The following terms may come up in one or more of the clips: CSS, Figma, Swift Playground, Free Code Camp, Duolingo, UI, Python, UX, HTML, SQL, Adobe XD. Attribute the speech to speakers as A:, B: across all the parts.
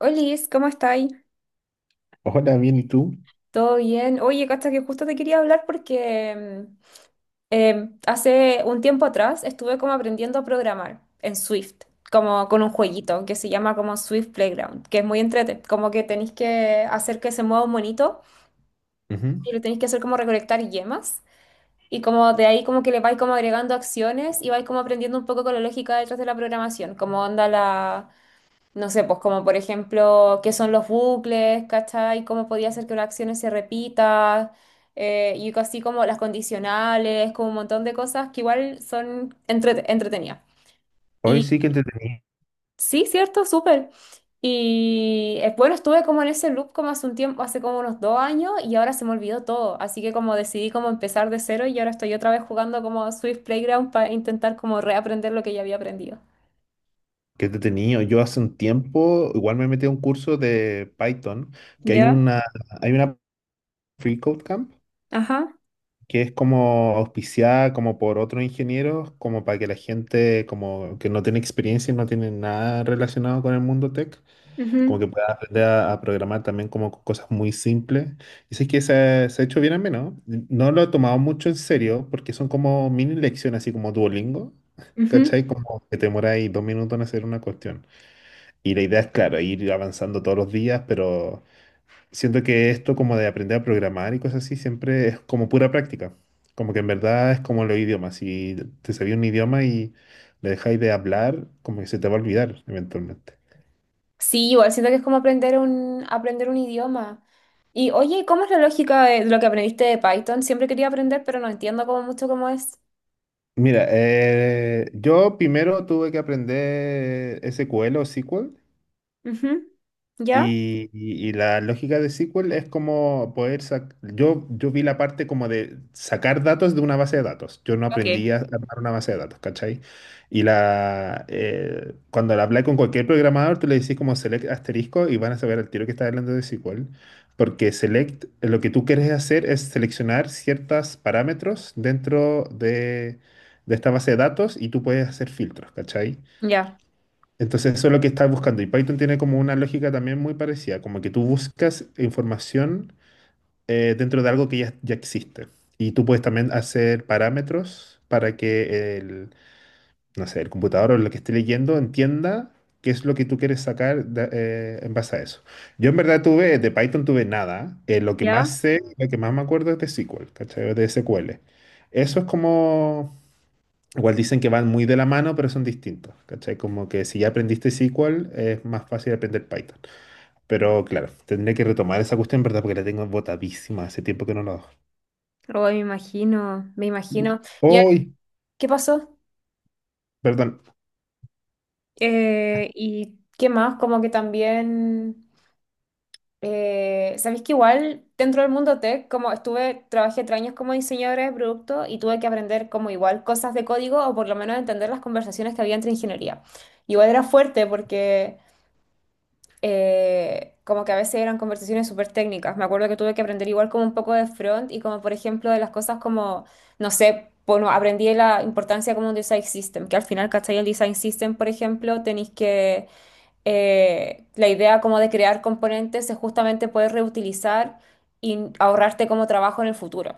A: Olis, ¿cómo estáis?
B: Hola, bien, ¿y tú?
A: ¿Todo bien? Oye, cacha, que justo te quería hablar porque hace un tiempo atrás estuve como aprendiendo a programar en Swift, como con un jueguito que se llama como Swift Playground, que es muy entrete, como que tenéis que hacer que se mueva un monito
B: Ujú.
A: y lo tenéis que hacer como recolectar yemas y como de ahí como que le vais como agregando acciones y vais como aprendiendo un poco con la lógica detrás de la programación, como onda la. No sé, pues como por ejemplo, qué son los bucles, ¿cachai? ¿Cómo podía hacer que una acción se repita? Y así como las condicionales, como un montón de cosas que igual son entretenidas.
B: Hoy
A: Y
B: sí que entretenido,
A: sí, cierto, súper. Y bueno, estuve como en ese loop como hace un tiempo, hace como unos 2 años y ahora se me olvidó todo. Así que como decidí como empezar de cero y ahora estoy otra vez jugando como Swift Playground para intentar como reaprender lo que ya había aprendido.
B: que entretenido. Yo hace un tiempo igual me metí a un curso de Python, que hay
A: ¿Ya?
B: una, hay una Free Code Camp,
A: Ajá.
B: que es como auspiciada como por otros ingenieros, como para que la gente como que no tiene experiencia y no tiene nada relacionado con el mundo tech. Como
A: Ujú,
B: que puedas aprender a programar también como cosas muy simples. Y sé que se ha hecho bien menos. No lo he tomado mucho en serio porque son como mini lecciones, así como Duolingo.
A: ujú.
B: ¿Cachai? Como que te demora ahí dos minutos en hacer una cuestión. Y la idea es, claro, ir avanzando todos los días, pero siento que esto como de aprender a programar y cosas así siempre es como pura práctica. Como que en verdad es como los idiomas. Si te sabía un idioma y le dejáis de hablar, como que se te va a olvidar eventualmente.
A: Sí, igual siento que es como aprender un idioma. Y oye, ¿cómo es la lógica de lo que aprendiste de Python? Siempre quería aprender, pero no entiendo como mucho cómo es.
B: Mira, yo primero tuve que aprender SQL o SQL.
A: Ujú. ¿Ya?
B: Y la lógica de SQL es como poder sacar, yo vi la parte como de sacar datos de una base de datos. Yo no aprendí
A: Ok.
B: a armar una base de datos, ¿cachai? Y la, cuando la hablé con cualquier programador, tú le decís como select asterisco y van a saber al tiro que está hablando de SQL. Porque select, lo que tú quieres hacer es seleccionar ciertos parámetros de esta base de datos, y tú puedes hacer filtros, ¿cachai?
A: Ya.
B: Entonces eso es lo que estás buscando. Y Python tiene como una lógica también muy parecida, como que tú buscas información, dentro de algo que ya existe. Y tú puedes también hacer parámetros para que el, no sé, el computador o lo que esté leyendo entienda qué es lo que tú quieres sacar, en base a eso. Yo en verdad tuve, de Python tuve nada. Lo que
A: ¿Ya?
B: más sé, lo que más me acuerdo es de SQL, ¿cachai? De SQL. Eso es como. Igual dicen que van muy de la mano, pero son distintos, ¿cachai? Como que si ya aprendiste SQL, es más fácil aprender Python. Pero claro, tendré que retomar esa cuestión, ¿verdad? Porque la tengo botadísima, hace tiempo que no la hago.
A: Oh, me imagino, me imagino. ¿Y
B: ¡Uy!
A: qué pasó?
B: Perdón.
A: ¿Y qué más? Como que también. Sabéis que igual dentro del mundo tech, como estuve, trabajé 3 años como diseñadora de producto y tuve que aprender como igual cosas de código o por lo menos entender las conversaciones que había entre ingeniería. Igual era fuerte porque como que a veces eran conversaciones súper técnicas. Me acuerdo que tuve que aprender igual como un poco de front y como por ejemplo de las cosas como, no sé, bueno, aprendí la importancia como un design system, que al final, ¿cachai? El design system, por ejemplo, tenéis que la idea como de crear componentes es justamente poder reutilizar y ahorrarte como trabajo en el futuro.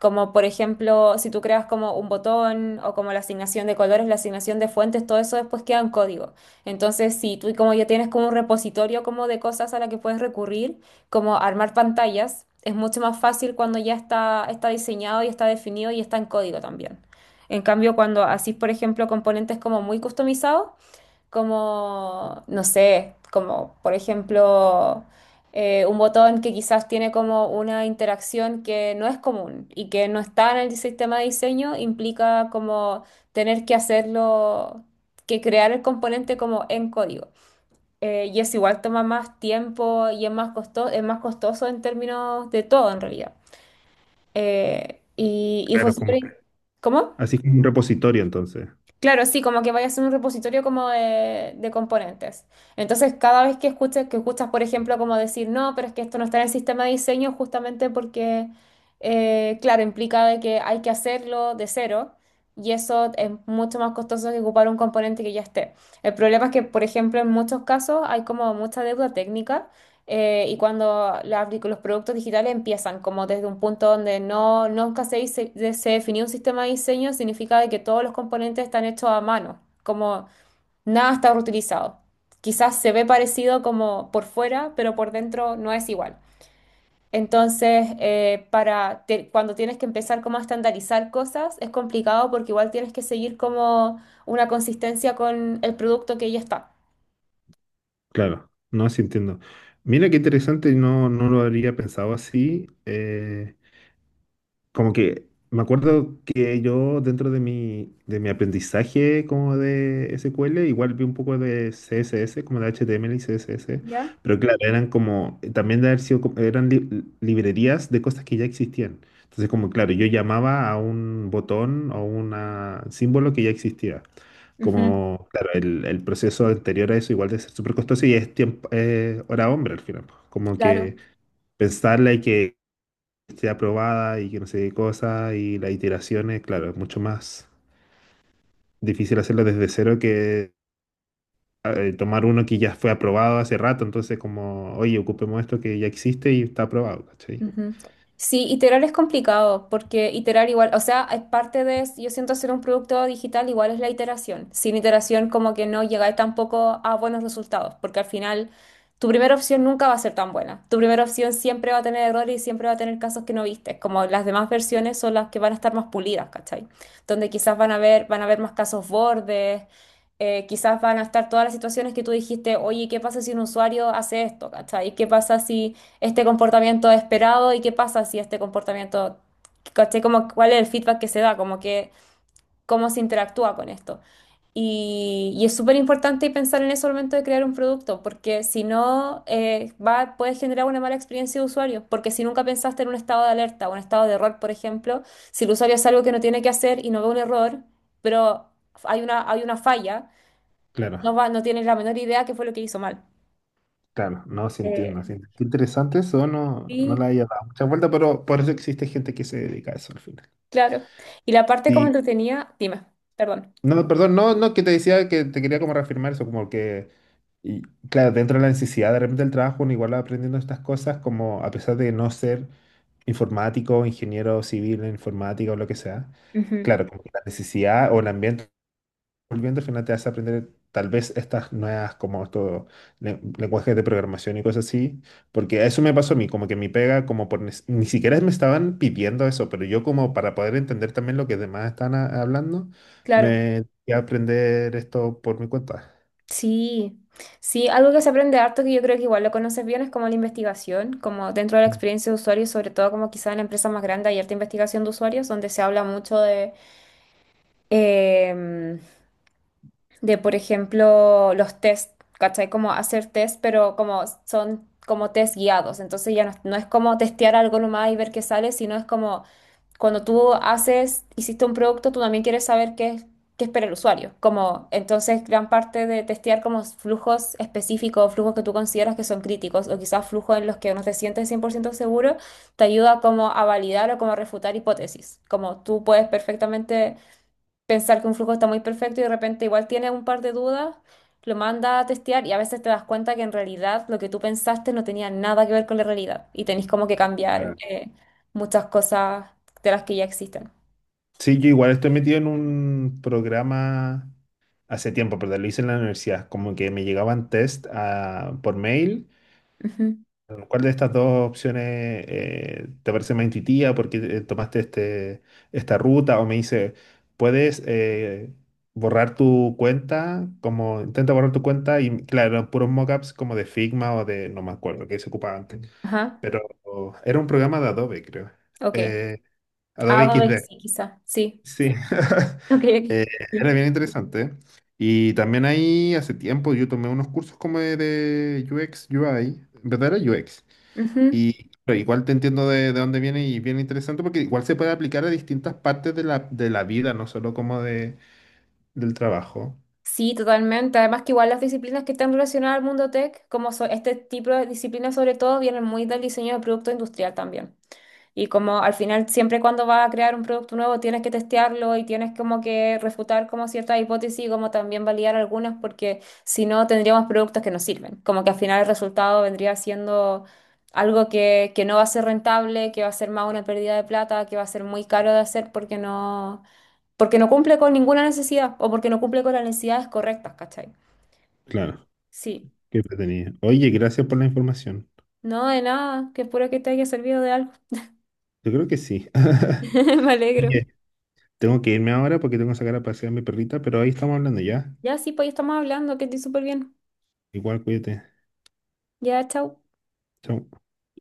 A: Como por ejemplo, si tú creas como un botón o como la asignación de colores, la asignación de fuentes, todo eso después queda en código. Entonces, si tú como ya tienes como un repositorio como de cosas a la que puedes recurrir, como armar pantallas, es mucho más fácil cuando ya está, está diseñado y está definido y está en código también. En cambio, cuando haces, por ejemplo, componentes como muy customizados, como, no sé, como por ejemplo un botón que quizás tiene como una interacción que no es común y que no está en el sistema de diseño, implica como tener que hacerlo, que crear el componente como en código. Y es igual toma más tiempo y es más costoso en términos de todo en realidad. Y fue
B: Claro,
A: súper...
B: como que.
A: ¿Cómo?
B: Así como un repositorio, entonces.
A: Claro, sí, como que vaya a ser un repositorio como de componentes. Entonces, cada vez que escuchas, por ejemplo, como decir, no, pero es que esto no está en el sistema de diseño, justamente porque, claro, implica de que hay que hacerlo de cero y eso es mucho más costoso que ocupar un componente que ya esté. El problema es que, por ejemplo, en muchos casos hay como mucha deuda técnica y cuando la los productos digitales empiezan como desde un punto donde no, nunca se definió un sistema de diseño, significa de que todos los componentes están hechos a mano, como nada está reutilizado. Quizás se ve parecido como por fuera, pero por dentro no es igual. Entonces, para cuando tienes que empezar como a estandarizar cosas, es complicado porque igual tienes que seguir como una consistencia con el producto que ya está.
B: Claro, no, sí entiendo. Mira qué interesante, no, no lo habría pensado así. Como que me acuerdo que yo dentro de mi aprendizaje como de SQL, igual vi un poco de CSS, como de HTML y CSS,
A: ¿Ya?
B: pero claro, eran como, también de haber sido, eran librerías de cosas que ya existían. Entonces, como claro, yo llamaba a un botón o un símbolo que ya existía.
A: Ujú.
B: Como, claro, el proceso anterior a eso igual de ser súper costoso y es tiempo, hora hombre al final, pues. Como
A: Claro.
B: que pensarla y que esté aprobada y que no sé qué cosa, y las iteraciones, claro, es mucho más difícil hacerlo desde cero que tomar uno que ya fue aprobado hace rato. Entonces como, oye, ocupemos esto que ya existe y está aprobado, ¿cachai?
A: Ujú. Sí, iterar es complicado porque iterar igual, o sea, es parte de, yo siento hacer un producto digital igual es la iteración. Sin iteración como que no llegáis tampoco a buenos resultados porque al final tu primera opción nunca va a ser tan buena. Tu primera opción siempre va a tener errores y siempre va a tener casos que no viste, como las demás versiones son las que van a estar más pulidas, ¿cachai? Donde quizás van a ver, van a haber más casos bordes, quizás van a estar todas las situaciones que tú dijiste, oye, ¿qué pasa si un usuario hace esto, ¿cachai? ¿Qué pasa si este comportamiento esperado y qué pasa si este comportamiento, ¿cachai? Como cuál es el feedback que se da, como que cómo se interactúa con esto. Y es súper importante pensar en eso al momento de crear un producto, porque si no, puedes generar una mala experiencia de usuario, porque si nunca pensaste en un estado de alerta, o un estado de error, por ejemplo, si el usuario hace algo que no tiene que hacer y no ve un error, pero hay una falla, no
B: Claro,
A: va, no tienes la menor idea qué fue lo que hizo mal.
B: claro, no, sí entiendo, sí
A: Eh,
B: entiendo. Qué interesante eso, no, no le
A: sí.
B: haya dado mucha vuelta, pero por eso existe gente que se dedica a eso al final.
A: Claro. Y la parte como
B: Sí.
A: entretenida, dime, perdón.
B: No, perdón, no, no, que te decía que te quería como reafirmar eso, como que. Y claro, dentro de la necesidad de repente del trabajo, uno igual va aprendiendo estas cosas, como a pesar de no ser informático, ingeniero civil en informática o lo que sea,
A: Ujú.
B: claro, como que la necesidad o el ambiente volviendo al final te hace aprender tal vez estas nuevas, como estos lenguajes de programación y cosas así, porque eso me pasó a mí, como que mi pega, como ni siquiera me estaban pidiendo eso, pero yo como para poder entender también lo que demás están hablando,
A: Claro.
B: me fui a aprender esto por mi cuenta.
A: Sí, sí, algo que se aprende harto que yo creo que igual lo conoces bien es como la investigación, como dentro de la experiencia de usuario, sobre todo como quizá en la empresa más grande hay harta investigación de usuarios, donde se habla mucho de, em, de por ejemplo, los test, ¿cachai? Como hacer test, pero como son como test guiados, entonces ya no, no es como testear algo nomás y ver qué sale, sino es como cuando tú haces, hiciste un producto, tú también quieres saber qué, qué espera el usuario. Como, entonces, gran parte de testear como flujos específicos, flujos que tú consideras que son críticos, o quizás flujos en los que no te sientes 100% seguro, te ayuda como a validar o como a refutar hipótesis. Como tú puedes perfectamente pensar que un flujo está muy perfecto y de repente igual tienes un par de dudas, lo manda a testear y a veces te das cuenta que en realidad lo que tú pensaste no tenía nada que ver con la realidad y tenés como que cambiar
B: Mm.
A: muchas cosas de las que ya existen.
B: Sí, yo igual estoy metido en un programa hace tiempo, pero lo hice en la universidad. Como que me llegaban test por mail.
A: Ujú.
B: ¿Cuál de estas dos opciones, te parece más intuitiva? Porque tomaste este, ¿esta ruta? O me dice, ¿puedes borrar tu cuenta? Como intenta borrar tu cuenta, y claro, puros mockups como de Figma o de, no me acuerdo, que se ocupaba antes.
A: Ajá,
B: Era un programa de Adobe, creo.
A: ok.
B: Eh, Adobe
A: Algo de
B: XD.
A: sí, quizá. Sí.
B: Sí.
A: Ok,
B: Eh,
A: ok.
B: Era
A: Sí.
B: bien interesante, ¿eh? Y también ahí hace tiempo yo tomé unos cursos como de UX, UI, en verdad era UX.
A: Ujú.
B: Y pero igual te entiendo de dónde viene, y bien interesante porque igual se puede aplicar a distintas partes de la vida, no solo como de, del trabajo.
A: Sí, totalmente. Además que igual las disciplinas que están relacionadas al mundo tech, como este tipo de disciplinas sobre todo, vienen muy del diseño de producto industrial también. Y como al final, siempre cuando vas a crear un producto nuevo, tienes que testearlo y tienes como que refutar como ciertas hipótesis y como también validar algunas, porque si no, tendríamos productos que no sirven. Como que al final el resultado vendría siendo algo que no va a ser rentable, que va a ser más una pérdida de plata, que va a ser muy caro de hacer porque no cumple con ninguna necesidad o porque no cumple con las necesidades correctas, ¿cachai?
B: Claro,
A: Sí.
B: qué tenía. Oye, gracias por la información.
A: No, de nada, que puro que te haya servido de algo.
B: Yo creo que sí.
A: Me alegro.
B: Oye, tengo que irme ahora porque tengo que sacar a pasear a mi perrita, pero ahí estamos hablando ya.
A: Ya sí, pues ya estamos hablando, que estoy súper bien.
B: Igual, cuídate.
A: Ya, chao.
B: Chao.